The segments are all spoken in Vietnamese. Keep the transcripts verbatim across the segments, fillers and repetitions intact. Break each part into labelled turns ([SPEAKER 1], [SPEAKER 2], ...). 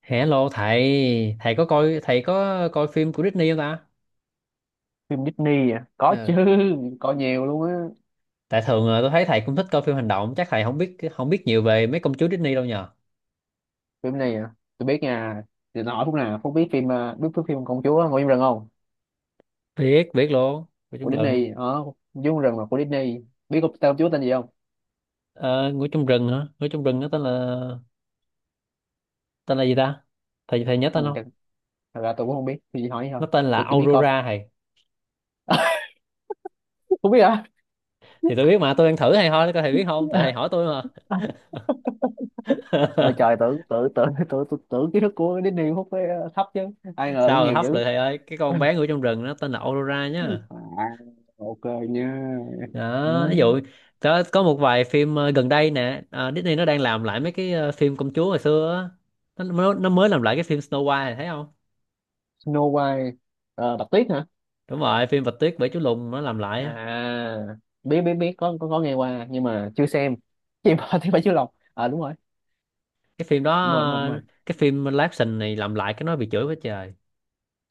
[SPEAKER 1] Hello thầy, thầy có coi thầy có coi phim của Disney không ta?
[SPEAKER 2] Phim Disney à? Có chứ,
[SPEAKER 1] Ờ,
[SPEAKER 2] có nhiều luôn á.
[SPEAKER 1] Tại thường ờ, tôi thấy thầy cũng thích coi phim hành động, chắc thầy không biết không biết nhiều về mấy công chúa Disney đâu nhờ.
[SPEAKER 2] Phim này à, tôi biết nha. Thì nó hỏi phút nào Phúc biết phim à, biết phim phim công chúa Ngồi trong rừng không.
[SPEAKER 1] Biết, biết luôn. Ngủ trong
[SPEAKER 2] Của
[SPEAKER 1] rừng.
[SPEAKER 2] Disney. ờ Công chúa rừng là của Disney. Biết công tên công chúa tên gì không?
[SPEAKER 1] Ờ, Ngủ trong rừng hả? Ngủ trong rừng nó tên là tên là gì ta? Thầy thầy nhớ
[SPEAKER 2] ừ,
[SPEAKER 1] tên không?
[SPEAKER 2] thật, Thật ra tôi cũng không biết, tôi chỉ hỏi vậy
[SPEAKER 1] Nó
[SPEAKER 2] thôi.
[SPEAKER 1] tên là
[SPEAKER 2] Tôi chỉ biết coi.
[SPEAKER 1] Aurora thầy.
[SPEAKER 2] Không biết hả?
[SPEAKER 1] Thì tôi biết mà, tôi đang thử thầy thôi, coi thầy biết không? Tại thầy hỏi tôi mà.
[SPEAKER 2] ờ Trời, tưởng tưởng tưởng tưởng tưởng, tưởng kiến thức của Disney Phúc phải ờ, thấp chứ, ai ngờ cũng
[SPEAKER 1] Sao rồi
[SPEAKER 2] nhiều
[SPEAKER 1] hấp lại
[SPEAKER 2] dữ.
[SPEAKER 1] thầy ơi, cái con bé ngủ trong rừng nó tên là Aurora nhá.
[SPEAKER 2] À, ok nha.
[SPEAKER 1] Đó ví
[SPEAKER 2] Ừ.
[SPEAKER 1] dụ, có có một vài phim ờ, gần đây nè, ờ, Disney nó đang làm lại mấy cái ờ, phim công chúa hồi xưa á. Nó, nó nó mới làm lại cái phim Snow White này, thấy không?
[SPEAKER 2] Snow White. Ờ, Bạch Tuyết hả?
[SPEAKER 1] Đúng rồi, phim Bạch Tuyết Bảy Chú Lùn nó làm lại á.
[SPEAKER 2] À, biết biết biết có có, có nghe qua nhưng mà chưa xem. Chị bò thì phải chưa lọc, à đúng rồi
[SPEAKER 1] Cái phim đó
[SPEAKER 2] đúng rồi đúng rồi đúng rồi.
[SPEAKER 1] ờ, cái phim live action này làm lại cái nó bị chửi quá trời.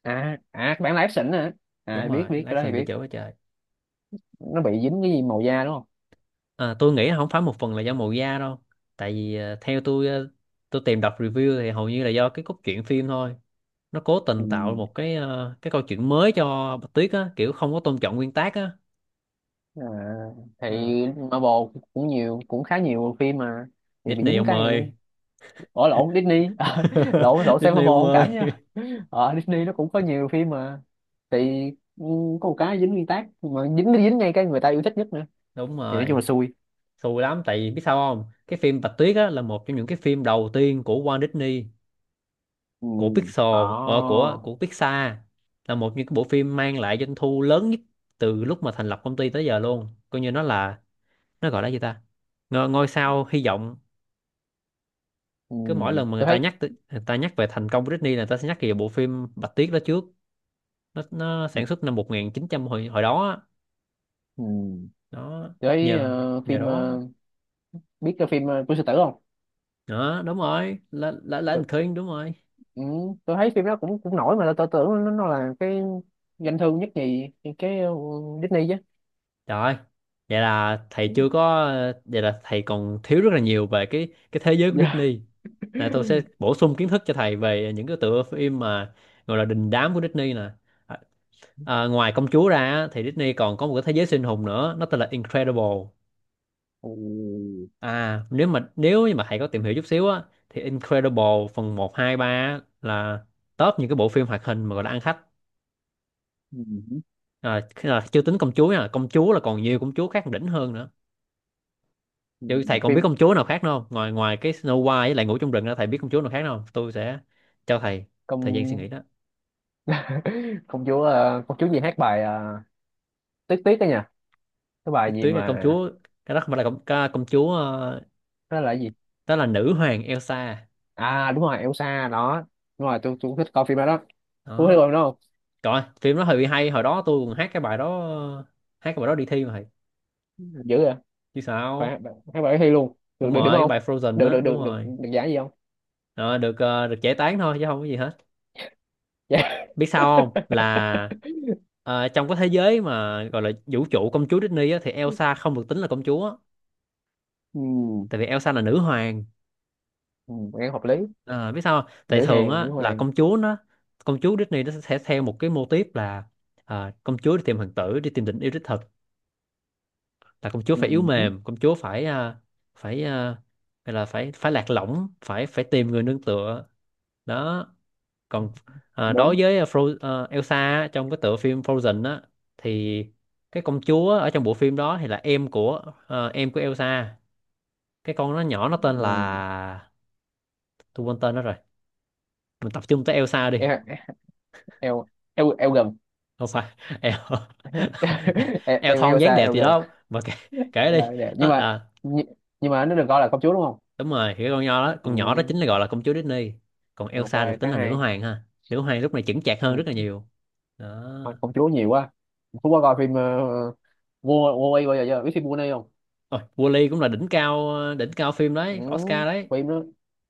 [SPEAKER 2] À à, các bạn là ép hả?
[SPEAKER 1] Đúng
[SPEAKER 2] À, biết
[SPEAKER 1] rồi, live
[SPEAKER 2] biết cái đó thì
[SPEAKER 1] action bị
[SPEAKER 2] biết.
[SPEAKER 1] chửi quá trời.
[SPEAKER 2] Nó bị dính cái gì màu da đúng không?
[SPEAKER 1] Ờ, tôi nghĩ không phải một phần là do màu da đâu, tại vì ờ, theo tôi, ờ, tôi tìm đọc review thì hầu như là do cái cốt truyện phim thôi. Nó cố
[SPEAKER 2] Ừ.
[SPEAKER 1] tình tạo một cái ờ, cái câu chuyện mới cho Bạch Tuyết á, kiểu không có tôn trọng nguyên tác á.
[SPEAKER 2] À, thì
[SPEAKER 1] Ờ.
[SPEAKER 2] Marvel cũng nhiều, cũng khá nhiều phim mà thì bị
[SPEAKER 1] Disney
[SPEAKER 2] dính
[SPEAKER 1] ông
[SPEAKER 2] cái này
[SPEAKER 1] ơi.
[SPEAKER 2] cũng... Ủa lộn, Disney. Ờ, lộn lộn xem
[SPEAKER 1] Disney
[SPEAKER 2] Marvel
[SPEAKER 1] ông
[SPEAKER 2] không cảm
[SPEAKER 1] ơi.
[SPEAKER 2] nha. Ờ Disney nó cũng có nhiều phim mà thì, ừ, có một cái dính nguyên tác mà dính dính ngay cái người ta yêu thích nhất nữa,
[SPEAKER 1] Đúng
[SPEAKER 2] thì nói chung
[SPEAKER 1] rồi,
[SPEAKER 2] là xui.
[SPEAKER 1] xù lắm, tại vì biết sao không, cái phim Bạch Tuyết á là một trong những cái phim đầu tiên của Walt Disney,
[SPEAKER 2] Ừ.
[SPEAKER 1] của Pixar.
[SPEAKER 2] Ồ.
[SPEAKER 1] Ờ, của của Pixar, là một những cái bộ phim mang lại doanh thu lớn nhất từ lúc mà thành lập công ty tới giờ luôn, coi như nó là, nó gọi là gì ta, ngôi, ngôi sao hy vọng.
[SPEAKER 2] Ừ,
[SPEAKER 1] Cứ mỗi lần mà người
[SPEAKER 2] tôi
[SPEAKER 1] ta
[SPEAKER 2] thấy,
[SPEAKER 1] nhắc tới- người ta nhắc về thành công của Disney là người ta sẽ nhắc về bộ phim Bạch Tuyết đó trước. nó nó sản xuất năm một chín không không, hồi hồi đó á.
[SPEAKER 2] ừ,
[SPEAKER 1] Đó,
[SPEAKER 2] tôi thấy
[SPEAKER 1] nhờ
[SPEAKER 2] ờ,
[SPEAKER 1] nhờ
[SPEAKER 2] phim
[SPEAKER 1] đó,
[SPEAKER 2] ờ, biết cái phim ờ, của sư tử không?
[SPEAKER 1] đó đúng rồi, là là là
[SPEAKER 2] tôi,
[SPEAKER 1] anh Khuyên, đúng rồi.
[SPEAKER 2] ừ, tôi thấy phim đó cũng cũng nổi mà tôi, tôi tưởng nó, nó là cái doanh thu nhất nhì cái ờ, Disney chứ.
[SPEAKER 1] Rồi, vậy là thầy chưa có, vậy là thầy còn thiếu rất là nhiều về cái cái thế giới của
[SPEAKER 2] Dạ.
[SPEAKER 1] Disney. Là tôi sẽ bổ sung kiến thức cho thầy về những cái tựa phim mà gọi là đình đám của Disney nè. à, à, ngoài công chúa ra á, thì Disney còn có một cái thế giới siêu anh hùng nữa, nó tên là Incredible.
[SPEAKER 2] Ừ.
[SPEAKER 1] À, nếu mà nếu như mà thầy có tìm hiểu chút xíu á, thì Incredible phần một hai ba á, là top những cái bộ phim hoạt hình mà gọi là ăn khách.
[SPEAKER 2] Ừ.
[SPEAKER 1] Rồi, khi- rồi, chưa tính công chúa nha, công chúa là còn nhiều công chúa khác đỉnh hơn nữa.
[SPEAKER 2] Ừ,
[SPEAKER 1] Vậy thầy còn biết
[SPEAKER 2] phim
[SPEAKER 1] công chúa nào khác nữa không? Ngoài Ngoài cái Snow White với lại ngủ trong rừng đó, thầy biết công chúa nào khác nữa không? Tôi sẽ cho thầy thời gian suy
[SPEAKER 2] công.
[SPEAKER 1] nghĩ đó.
[SPEAKER 2] Công chúa ờ, công chúa gì hát bài ờ, tiếc tiếc đó nha, cái
[SPEAKER 1] Biết
[SPEAKER 2] bài gì
[SPEAKER 1] tuyết là công
[SPEAKER 2] mà...
[SPEAKER 1] chúa, cái đó không phải là công, ca- công chúa, ờ,
[SPEAKER 2] Nó là cái gì?
[SPEAKER 1] đó là nữ hoàng Elsa.
[SPEAKER 2] À đúng rồi, Elsa đó. Đúng rồi, tôi tôi cũng thích coi phim đó đó. Cô thấy
[SPEAKER 1] Đó.
[SPEAKER 2] coi phim đó không?
[SPEAKER 1] Rồi, phim đó hơi hay, hồi đó tôi còn hát cái bài đó, hát cái bài đó đi thi mà thầy.
[SPEAKER 2] Dữ vậy.
[SPEAKER 1] Chứ sao?
[SPEAKER 2] Phải, tháng bảy thi luôn. Được
[SPEAKER 1] Đúng
[SPEAKER 2] được điểm
[SPEAKER 1] rồi, cái
[SPEAKER 2] không?
[SPEAKER 1] bài Frozen
[SPEAKER 2] được
[SPEAKER 1] đó,
[SPEAKER 2] được
[SPEAKER 1] đúng
[SPEAKER 2] được được
[SPEAKER 1] rồi.
[SPEAKER 2] được giải gì không?
[SPEAKER 1] Rồi, được ờ, được giải tán thôi chứ không có gì hết.
[SPEAKER 2] Dạ.
[SPEAKER 1] Biết sao không, là ờ, trong cái thế giới mà gọi là vũ trụ công chúa Disney á, thì Elsa không được tính là công chúa,
[SPEAKER 2] Ừ.
[SPEAKER 1] tại vì Elsa là nữ hoàng.
[SPEAKER 2] Ừ, nghe hợp lý.
[SPEAKER 1] Ờ, biết sao không? Tại
[SPEAKER 2] Nữ
[SPEAKER 1] thường
[SPEAKER 2] hàng
[SPEAKER 1] á
[SPEAKER 2] nữ
[SPEAKER 1] là
[SPEAKER 2] hoàng.
[SPEAKER 1] công chúa nó, công chúa Disney nó sẽ theo một cái mô típ là ờ, công chúa đi tìm hoàng tử, đi tìm tình yêu đích thực, là công chúa phải yếu
[SPEAKER 2] Ừ,
[SPEAKER 1] mềm, công chúa phải ờ, phải ờ, gọi là phải phải lạc lõng, phải phải tìm người nương tựa. Đó. Còn à, đối
[SPEAKER 2] đúng.
[SPEAKER 1] với ờ, Fro à, Elsa á, trong cái tựa phim Frozen á, thì cái công chúa ở trong bộ phim đó thì là em của à, em của Elsa. Cái con nó nhỏ nó tên
[SPEAKER 2] Ừ.
[SPEAKER 1] là, tôi quên tên nó rồi, mình tập trung tới Elsa đi.
[SPEAKER 2] Em eo, em em gần.
[SPEAKER 1] Không phải. El,
[SPEAKER 2] em
[SPEAKER 1] El
[SPEAKER 2] em
[SPEAKER 1] thon
[SPEAKER 2] eo
[SPEAKER 1] dáng
[SPEAKER 2] xa
[SPEAKER 1] đẹp
[SPEAKER 2] eo
[SPEAKER 1] gì
[SPEAKER 2] gần.
[SPEAKER 1] đó mà kể, kể đi.
[SPEAKER 2] Trả đẹp nhưng
[SPEAKER 1] Nó
[SPEAKER 2] mà,
[SPEAKER 1] à,
[SPEAKER 2] nhưng, nhưng mà nó được gọi là công chúa đúng không?
[SPEAKER 1] đúng rồi, thì cái con nhỏ đó,
[SPEAKER 2] Ừ,
[SPEAKER 1] con nhỏ đó chính là gọi là công chúa Disney, còn
[SPEAKER 2] ok,
[SPEAKER 1] Elsa được tính
[SPEAKER 2] khá
[SPEAKER 1] là nữ
[SPEAKER 2] hay.
[SPEAKER 1] hoàng ha. Nữ hoàng lúc này chững chạc hơn rất là
[SPEAKER 2] Ừ,
[SPEAKER 1] nhiều.
[SPEAKER 2] thôi,
[SPEAKER 1] Đó.
[SPEAKER 2] công chúa nhiều quá. Phú có coi phim ờ, vua vua Quay bao giờ chưa, biết phim vua này không?
[SPEAKER 1] Ôi, Wall-E cũng là đỉnh cao, đỉnh cao phim
[SPEAKER 2] Ừ,
[SPEAKER 1] đấy, Oscar đấy.
[SPEAKER 2] phim đó,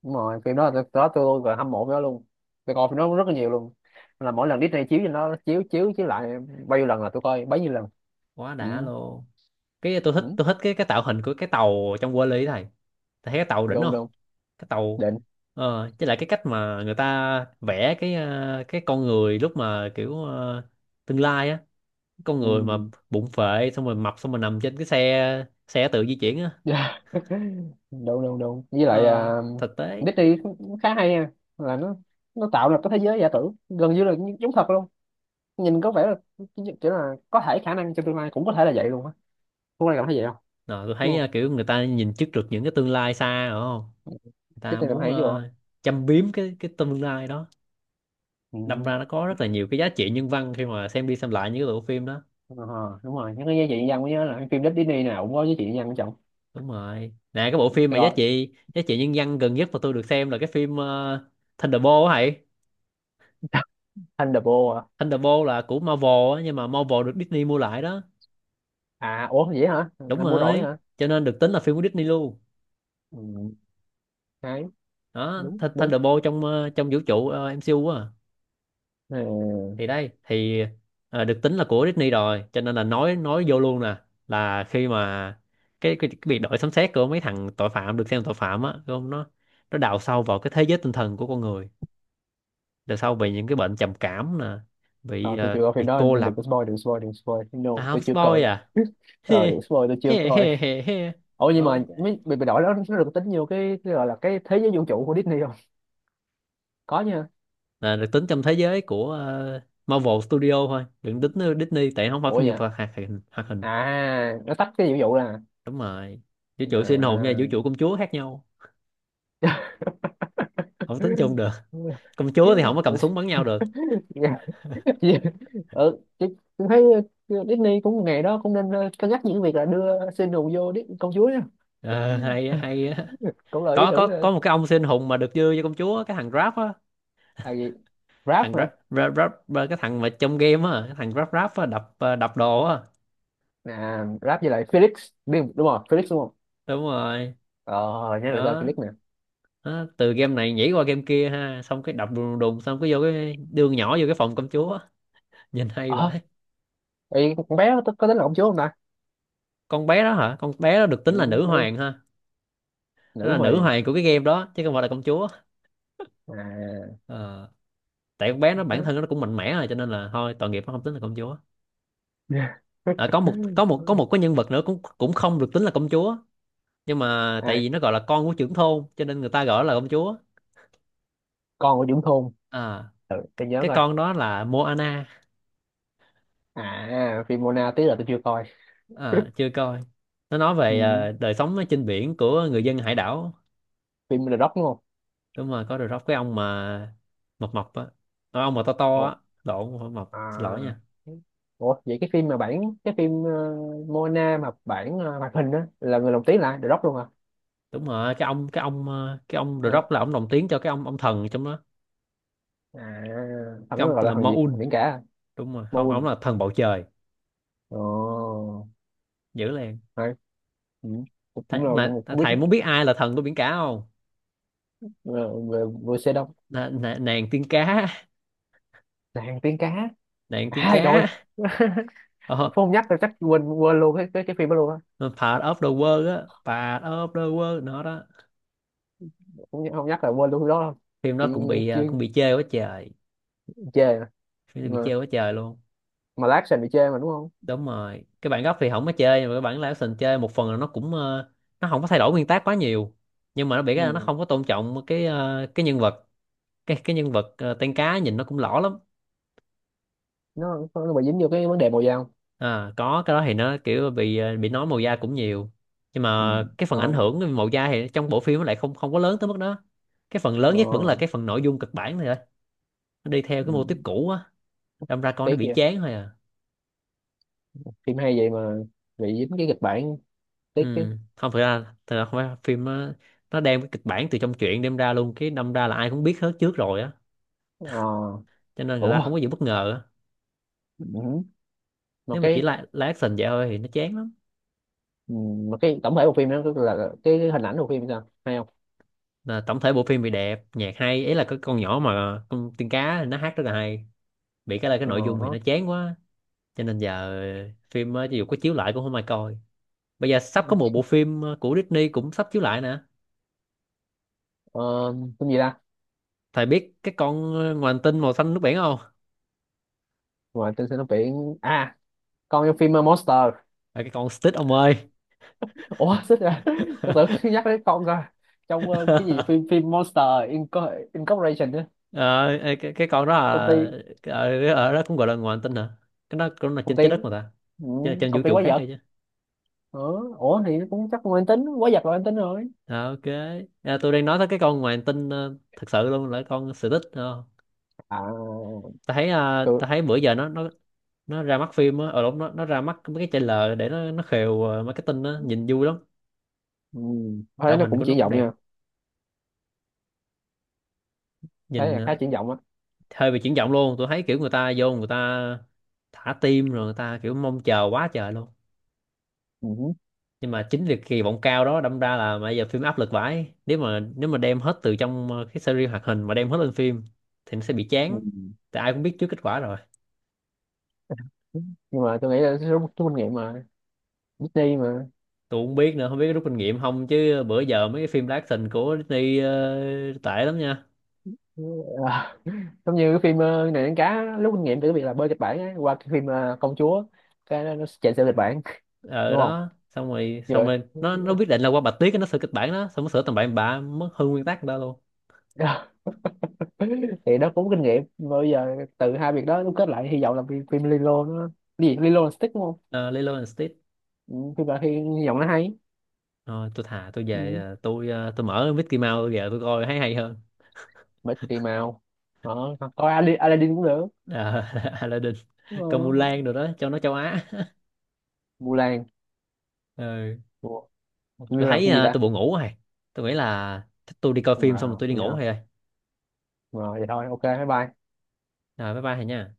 [SPEAKER 2] đúng rồi phim đó, tôi đó tôi luôn rồi, hâm mộ phim đó luôn. Tôi coi phim đó rất là nhiều luôn, là mỗi lần Disney chiếu trên, nó chiếu chiếu chiếu lại bao nhiêu lần là tôi coi bấy nhiêu lần.
[SPEAKER 1] Quá
[SPEAKER 2] Ừ.
[SPEAKER 1] đã luôn. Cái tôi
[SPEAKER 2] Ừ.
[SPEAKER 1] thích, tôi thích cái cái tạo hình của cái tàu trong Wall-E này. Thầy thấy cái tàu đỉnh
[SPEAKER 2] Đúng
[SPEAKER 1] không?
[SPEAKER 2] đúng.
[SPEAKER 1] Cái tàu
[SPEAKER 2] Định.
[SPEAKER 1] ờ chứ lại cái cách mà người ta vẽ cái ờ, cái con người lúc mà kiểu ờ, tương lai á, con người mà
[SPEAKER 2] Ừ.
[SPEAKER 1] bụng phệ xong rồi mập xong rồi nằm trên cái xe xe tự di chuyển á.
[SPEAKER 2] Dạ. Đúng đúng đúng với lại
[SPEAKER 1] Ờ,
[SPEAKER 2] à,
[SPEAKER 1] thực tế.
[SPEAKER 2] Disney cũng khá hay nha, là nó nó tạo ra cái thế giới giả tưởng gần như là như- giống thật luôn, nhìn có vẻ là kiểu là có thể khả năng trong tương lai cũng có thể là vậy luôn á. Phú Lan cảm thấy vậy không?
[SPEAKER 1] Ờ, tôi
[SPEAKER 2] Đúng
[SPEAKER 1] thấy
[SPEAKER 2] không?
[SPEAKER 1] ờ, kiểu người ta nhìn trước được những cái tương lai xa rồi không? Người ta
[SPEAKER 2] Disney làm
[SPEAKER 1] muốn
[SPEAKER 2] hay chứ bộ.
[SPEAKER 1] ờ, châm biếm cái cái tương lai đó,
[SPEAKER 2] Ừ.
[SPEAKER 1] đâm ra nó có rất là nhiều cái giá trị nhân văn khi mà xem đi xem lại những cái bộ phim đó.
[SPEAKER 2] Ờ, đúng rồi, nhắc đến giá trị nhân dân mới nhớ là cái phim Disney nào cũng có giá trị nhân dân của chồng.
[SPEAKER 1] Đúng rồi, nè cái bộ phim mà giá
[SPEAKER 2] Rồi.
[SPEAKER 1] trị giá trị nhân văn gần nhất mà tôi được xem là cái phim uh, Thunderbolt á thầy.
[SPEAKER 2] Thunderbolt à?
[SPEAKER 1] Thunderbolt là của Marvel á, nhưng mà Marvel được Disney mua lại đó.
[SPEAKER 2] À ủa vậy hả?
[SPEAKER 1] Đúng
[SPEAKER 2] Anh mua rồi
[SPEAKER 1] rồi,
[SPEAKER 2] hả?
[SPEAKER 1] cho nên được tính là phim của Disney luôn.
[SPEAKER 2] Ừ, đấy.
[SPEAKER 1] đó
[SPEAKER 2] Đúng
[SPEAKER 1] Th-
[SPEAKER 2] đúng.
[SPEAKER 1] Thunderbolt trong ờ, trong vũ trụ ờ, em xê u á,
[SPEAKER 2] Ừ.
[SPEAKER 1] thì đây thì ờ, được tính là của Disney rồi, cho nên là nói nói vô luôn nè. Là khi mà cái, cái, cái việc đổi sấm sét của mấy thằng tội phạm, được xem là tội phạm á đúng không, nó, nó đào sâu vào cái thế giới tinh thần của con người, đào sâu về những cái bệnh trầm cảm nè, bị
[SPEAKER 2] Ờ, tôi chưa
[SPEAKER 1] ờ,
[SPEAKER 2] coi phim
[SPEAKER 1] bị
[SPEAKER 2] đó,
[SPEAKER 1] cô
[SPEAKER 2] anh đừng
[SPEAKER 1] lập.
[SPEAKER 2] có spoil, đừng spoil đừng spoil no,
[SPEAKER 1] À
[SPEAKER 2] tôi chưa
[SPEAKER 1] houseboy
[SPEAKER 2] coi.
[SPEAKER 1] à.
[SPEAKER 2] Ờ đừng
[SPEAKER 1] He
[SPEAKER 2] spoil, tôi chưa
[SPEAKER 1] he
[SPEAKER 2] coi.
[SPEAKER 1] he he he.
[SPEAKER 2] Ủa nhưng mà
[SPEAKER 1] Ok,
[SPEAKER 2] mấy bị bị đổi đó, nó được tính nhiều cái, cái gọi là cái thế giới vũ trụ của Disney không? Có nha.
[SPEAKER 1] là được tính trong thế giới của ờ, Marvel Studio thôi, đừng tính ờ, Disney, tại nó không phải
[SPEAKER 2] Ủa
[SPEAKER 1] phim
[SPEAKER 2] vậy
[SPEAKER 1] nhiều
[SPEAKER 2] à?
[SPEAKER 1] hoạt hoạt hình hoạt hình.
[SPEAKER 2] À, nó tách cái vũ trụ là...
[SPEAKER 1] Đúng rồi, vũ trụ siêu anh hùng và vũ trụ công chúa khác nhau, không tính chung được. Công chúa thì không có cầm súng bắn nhau được.
[SPEAKER 2] À. ừ, chị, chị thấy ờ, Disney cũng ngày đó cũng nên ờ, cân nhắc những việc là đưa Sinu vô Dis công chúa nhá.
[SPEAKER 1] Ờ, hay á, hay á.
[SPEAKER 2] Cũng là ý
[SPEAKER 1] Có có
[SPEAKER 2] tưởng ờ,
[SPEAKER 1] có một cái ông siêu anh hùng mà được dư cho công chúa, cái thằng Grab á.
[SPEAKER 2] là gì? Rap
[SPEAKER 1] Thằng Grab,
[SPEAKER 2] hả?
[SPEAKER 1] Grab, Grab, Grab- cái thằng mà trong game á, cái thằng Grab Grab á đập ờ, đập đồ á.
[SPEAKER 2] À, rap với lại Felix. Biết, đúng rồi Felix đúng không.
[SPEAKER 1] Đúng rồi.
[SPEAKER 2] Ờ, nhớ được tên
[SPEAKER 1] Đó.
[SPEAKER 2] Felix nè.
[SPEAKER 1] Đó từ game này nhảy qua game kia ha, xong cái đập đùng đùng, xong cái vô cái đường nhỏ vô cái phòng công chúa á. Nhìn hay
[SPEAKER 2] Ờ,
[SPEAKER 1] vậy.
[SPEAKER 2] thì con bé có, có tính là công chúa không ta?
[SPEAKER 1] Con bé đó hả, con bé đó được
[SPEAKER 2] Ừ,
[SPEAKER 1] tính là nữ
[SPEAKER 2] bé,
[SPEAKER 1] hoàng ha. Nó
[SPEAKER 2] nữ
[SPEAKER 1] là nữ
[SPEAKER 2] hoàng.
[SPEAKER 1] hoàng của cái game đó chứ không phải là công chúa.
[SPEAKER 2] À.
[SPEAKER 1] Ờ, tại con bé nó bản thân nó cũng mạnh mẽ rồi, cho nên là thôi tội nghiệp, nó không tính là công chúa. Ờ, có một có một có một cái nhân vật nữa cũng cũng không được tính là công chúa, nhưng mà tại
[SPEAKER 2] À,
[SPEAKER 1] vì nó gọi là con của trưởng thôn cho nên người ta gọi là công chúa.
[SPEAKER 2] con của Dũng Thôn.
[SPEAKER 1] À
[SPEAKER 2] Ừ,
[SPEAKER 1] cái,
[SPEAKER 2] để nhớ
[SPEAKER 1] cái
[SPEAKER 2] coi.
[SPEAKER 1] con đó là Moana.
[SPEAKER 2] À phim Mona tí là tôi chưa coi.
[SPEAKER 1] À, chưa coi. Nó nói
[SPEAKER 2] Ừ,
[SPEAKER 1] về ờ, đời sống ở trên biển của người dân hải đảo.
[SPEAKER 2] phim The Rock đúng không?
[SPEAKER 1] Đúng rồi, có được cái ông mà mập mập á. Ờ, ông mà to to á. Lộn, không phải mập, xin lỗi nha.
[SPEAKER 2] À, ủa vậy cái phim mà bản cái phim ờ, Mona mà bản ờ, hoạt hình á, là người lồng tiếng là ai? The Rock luôn à?
[SPEAKER 1] Đúng rồi, cái ông cái ông ờ, cái ông The
[SPEAKER 2] Ờ.
[SPEAKER 1] Rock là ông đồng tiếng cho cái ông ông thần trong đó.
[SPEAKER 2] À. Thằng
[SPEAKER 1] Cái
[SPEAKER 2] đó
[SPEAKER 1] ông
[SPEAKER 2] gọi
[SPEAKER 1] tên
[SPEAKER 2] là
[SPEAKER 1] là
[SPEAKER 2] thằng gì, thằng
[SPEAKER 1] Maun.
[SPEAKER 2] biển cả à?
[SPEAKER 1] Đúng rồi không, ông
[SPEAKER 2] Moon.
[SPEAKER 1] là thần bầu trời.
[SPEAKER 2] Ồ,
[SPEAKER 1] Dữ liền.
[SPEAKER 2] hay. Ừ. cũng
[SPEAKER 1] Thầy,
[SPEAKER 2] cũng là
[SPEAKER 1] mà
[SPEAKER 2] cũng cũng biết.
[SPEAKER 1] thầy muốn biết ai là thần của biển cả không?
[SPEAKER 2] Ờ, về Về xe đông.
[SPEAKER 1] N- n- nàng tiên cá.
[SPEAKER 2] Nàng tiếng cá.
[SPEAKER 1] Nàng tiên
[SPEAKER 2] À trời.
[SPEAKER 1] cá.
[SPEAKER 2] Phú
[SPEAKER 1] Oh,
[SPEAKER 2] không nhắc là chắc quên quên luôn cái cái, cái phim đó luôn á.
[SPEAKER 1] part of the world á. Part of the world nó đó.
[SPEAKER 2] Không, nhắc- không nhắc là quên luôn cái đó luôn.
[SPEAKER 1] Phim
[SPEAKER 2] Chị
[SPEAKER 1] đó cũng bị
[SPEAKER 2] chưa
[SPEAKER 1] à, cũng bị chê quá trời.
[SPEAKER 2] chê
[SPEAKER 1] Phim đó bị
[SPEAKER 2] mà. mà,
[SPEAKER 1] chê quá trời luôn.
[SPEAKER 2] mà lát sẽ bị chê mà đúng không?
[SPEAKER 1] Đúng rồi, cái bản gốc thì không có chơi, nhưng mà cái bản live action chơi, một phần là nó cũng ờ, nó không có thay đổi nguyên tác quá nhiều, nhưng mà nó bị cái là nó
[SPEAKER 2] Ừ.
[SPEAKER 1] không có tôn trọng cái ờ, cái nhân vật. Cái cái nhân vật ờ, tiên cá nhìn nó cũng lõ lắm.
[SPEAKER 2] nó nó bị dính vô cái vấn đề màu da không?
[SPEAKER 1] À, có cái đó thì nó kiểu bị ờ, bị nói màu da cũng nhiều, nhưng
[SPEAKER 2] Ừ.
[SPEAKER 1] mà cái phần ảnh
[SPEAKER 2] Thôi.
[SPEAKER 1] hưởng màu da thì trong bộ phim nó lại không, không có lớn tới mức đó. Cái phần lớn nhất vẫn là
[SPEAKER 2] Ờ.
[SPEAKER 1] cái phần nội dung kịch bản thôi, nó đi theo
[SPEAKER 2] Ừ,
[SPEAKER 1] cái mô típ cũ á, đâm ra coi nó
[SPEAKER 2] tiếc
[SPEAKER 1] bị
[SPEAKER 2] vậy,
[SPEAKER 1] chán thôi à.
[SPEAKER 2] phim hay vậy mà bị dính cái kịch bản, tiếc chứ.
[SPEAKER 1] Ừ. Không, thực ra thực ra không phải phim nó, nó đem cái kịch bản từ trong truyện đem ra luôn, cái đâm ra là ai cũng biết hết trước rồi á,
[SPEAKER 2] Ờ.
[SPEAKER 1] cho nên người ta
[SPEAKER 2] Ủa.
[SPEAKER 1] không có gì bất ngờ á.
[SPEAKER 2] Ừ. Một
[SPEAKER 1] Nếu mà chỉ
[SPEAKER 2] cái...
[SPEAKER 1] là, là action vậy thôi thì nó chán lắm.
[SPEAKER 2] Ừ, một cái tổng thể bộ phim đó, tức là là cái hình ảnh bộ phim sao hay không?
[SPEAKER 1] Là tổng thể bộ phim thì đẹp, nhạc hay, ý là cái con nhỏ mà con tiên cá thì nó hát rất là hay, bị cái là cái
[SPEAKER 2] Ờ.
[SPEAKER 1] nội dung
[SPEAKER 2] Hả.
[SPEAKER 1] thì nó chán quá, cho nên giờ phim ờ, dù có chiếu lại cũng không ai coi. Bây giờ sắp có một bộ phim ờ, của Disney cũng sắp chiếu lại nè.
[SPEAKER 2] Ờ, phim gì ta?
[SPEAKER 1] Thầy biết cái con ờ, ngoài hành tinh màu xanh nước biển không?
[SPEAKER 2] Ngoài tên sinh nó biển à, con trong phim uh, Monster.
[SPEAKER 1] À, cái con Stitch ông ơi.
[SPEAKER 2] Ủa xích ra. Tôi tưởng nhắc đến con rồi, trong uh, cái gì phim phim Monster Inco- Incorporation á.
[SPEAKER 1] Ờ, ê, cái, cái con đó là
[SPEAKER 2] Công ty.
[SPEAKER 1] ở, ở đó cũng gọi là ngoài hành tinh hả? Cái đó cũng là
[SPEAKER 2] Công
[SPEAKER 1] trên
[SPEAKER 2] ty.
[SPEAKER 1] trái đất mà ta,
[SPEAKER 2] Ừ,
[SPEAKER 1] chứ là trên vũ
[SPEAKER 2] công ty
[SPEAKER 1] trụ
[SPEAKER 2] quái
[SPEAKER 1] khác
[SPEAKER 2] vật.
[SPEAKER 1] hay chứ.
[SPEAKER 2] Ờ, ủa thì nó cũng chắc là mang tính quái vật, là mang tính rồi.
[SPEAKER 1] Ờ, ok. À, tôi đang nói tới cái con ngoài hành tinh ờ, thật sự luôn là con Stitch. Ờ.
[SPEAKER 2] À.
[SPEAKER 1] Ta thấy ờ, ta
[SPEAKER 2] Tôi.
[SPEAKER 1] thấy bữa giờ nó nó nó ra mắt phim á, ở lúc nó nó ra mắt mấy cái trailer để nó nó khều ờ, marketing á, nhìn vui lắm.
[SPEAKER 2] Ừ. Thấy
[SPEAKER 1] Tạo
[SPEAKER 2] nó
[SPEAKER 1] hình
[SPEAKER 2] cũng
[SPEAKER 1] của nó
[SPEAKER 2] triển
[SPEAKER 1] cũng
[SPEAKER 2] vọng
[SPEAKER 1] đẹp,
[SPEAKER 2] nha. Thấy
[SPEAKER 1] nhìn
[SPEAKER 2] là khá
[SPEAKER 1] ờ,
[SPEAKER 2] triển vọng á.
[SPEAKER 1] hơi bị chuyển động luôn, tôi thấy kiểu người ta vô, người ta thả tim rồi, người ta kiểu mong chờ quá trời luôn.
[SPEAKER 2] Ừ.
[SPEAKER 1] Nhưng mà chính việc kỳ vọng cao đó đâm ra là bây giờ phim áp lực vãi, nếu mà nếu mà đem hết từ trong ờ, cái series hoạt hình mà đem hết lên phim, thì nó sẽ bị chán,
[SPEAKER 2] Ừ.
[SPEAKER 1] tại ai cũng biết trước kết quả rồi.
[SPEAKER 2] Nhưng mà tôi nghĩ là số, số kinh nghiệm mà Disney mà...
[SPEAKER 1] Tôi cũng biết nữa, không biết có rút kinh nghiệm không, chứ bữa giờ mấy cái phim live action của Disney ờ, tệ lắm nha.
[SPEAKER 2] À, giống như cái phim ờ, này đánh cá lúc kinh nghiệm từ cái việc là bơi kịch bản á, qua cái phim ờ, công chúa, cái nó, nó chạy theo kịch bản
[SPEAKER 1] Ờ
[SPEAKER 2] đúng không,
[SPEAKER 1] đó, xong rồi
[SPEAKER 2] như
[SPEAKER 1] xong
[SPEAKER 2] vậy.
[SPEAKER 1] rồi nó nó quyết định là qua bạch tuyết nó sửa kịch bản đó, xong nó sửa tầm bậy bạ mất hư nguyên tắc đó luôn.
[SPEAKER 2] Thì nó cũng kinh nghiệm mà, bây giờ từ hai việc đó đúc kết lại hy vọng là phim, phim Lilo nó... Cái gì Lilo là stick đúng không?
[SPEAKER 1] uh, Lilo and Stitch.
[SPEAKER 2] Ừ, phim là hy, hy vọng nó hay.
[SPEAKER 1] Thôi tôi thà tôi về
[SPEAKER 2] Ừ.
[SPEAKER 1] ờ, tôi ờ, tôi mở Mickey Mouse tôi về tôi coi thấy hay hơn.
[SPEAKER 2] Bởi tùy màu. Đó, coi Aladdin, Aladdin cũng được.
[SPEAKER 1] Ờ, Aladdin, Công Vu, rồi
[SPEAKER 2] Ờ,
[SPEAKER 1] đó cho nó châu Á.
[SPEAKER 2] Mulan.
[SPEAKER 1] Ừ.
[SPEAKER 2] Ủa,
[SPEAKER 1] Tôi
[SPEAKER 2] Miu làm
[SPEAKER 1] thấy
[SPEAKER 2] cái gì
[SPEAKER 1] ờ,
[SPEAKER 2] ta?
[SPEAKER 1] tôi buồn ngủ rồi. Tôi nghĩ là chắc tôi đi coi phim xong rồi
[SPEAKER 2] Wow,
[SPEAKER 1] tôi đi
[SPEAKER 2] vậy
[SPEAKER 1] ngủ
[SPEAKER 2] không?
[SPEAKER 1] thôi.
[SPEAKER 2] Rồi, vậy thôi, ok, bye bye.
[SPEAKER 1] Rồi bye bye thầy nha.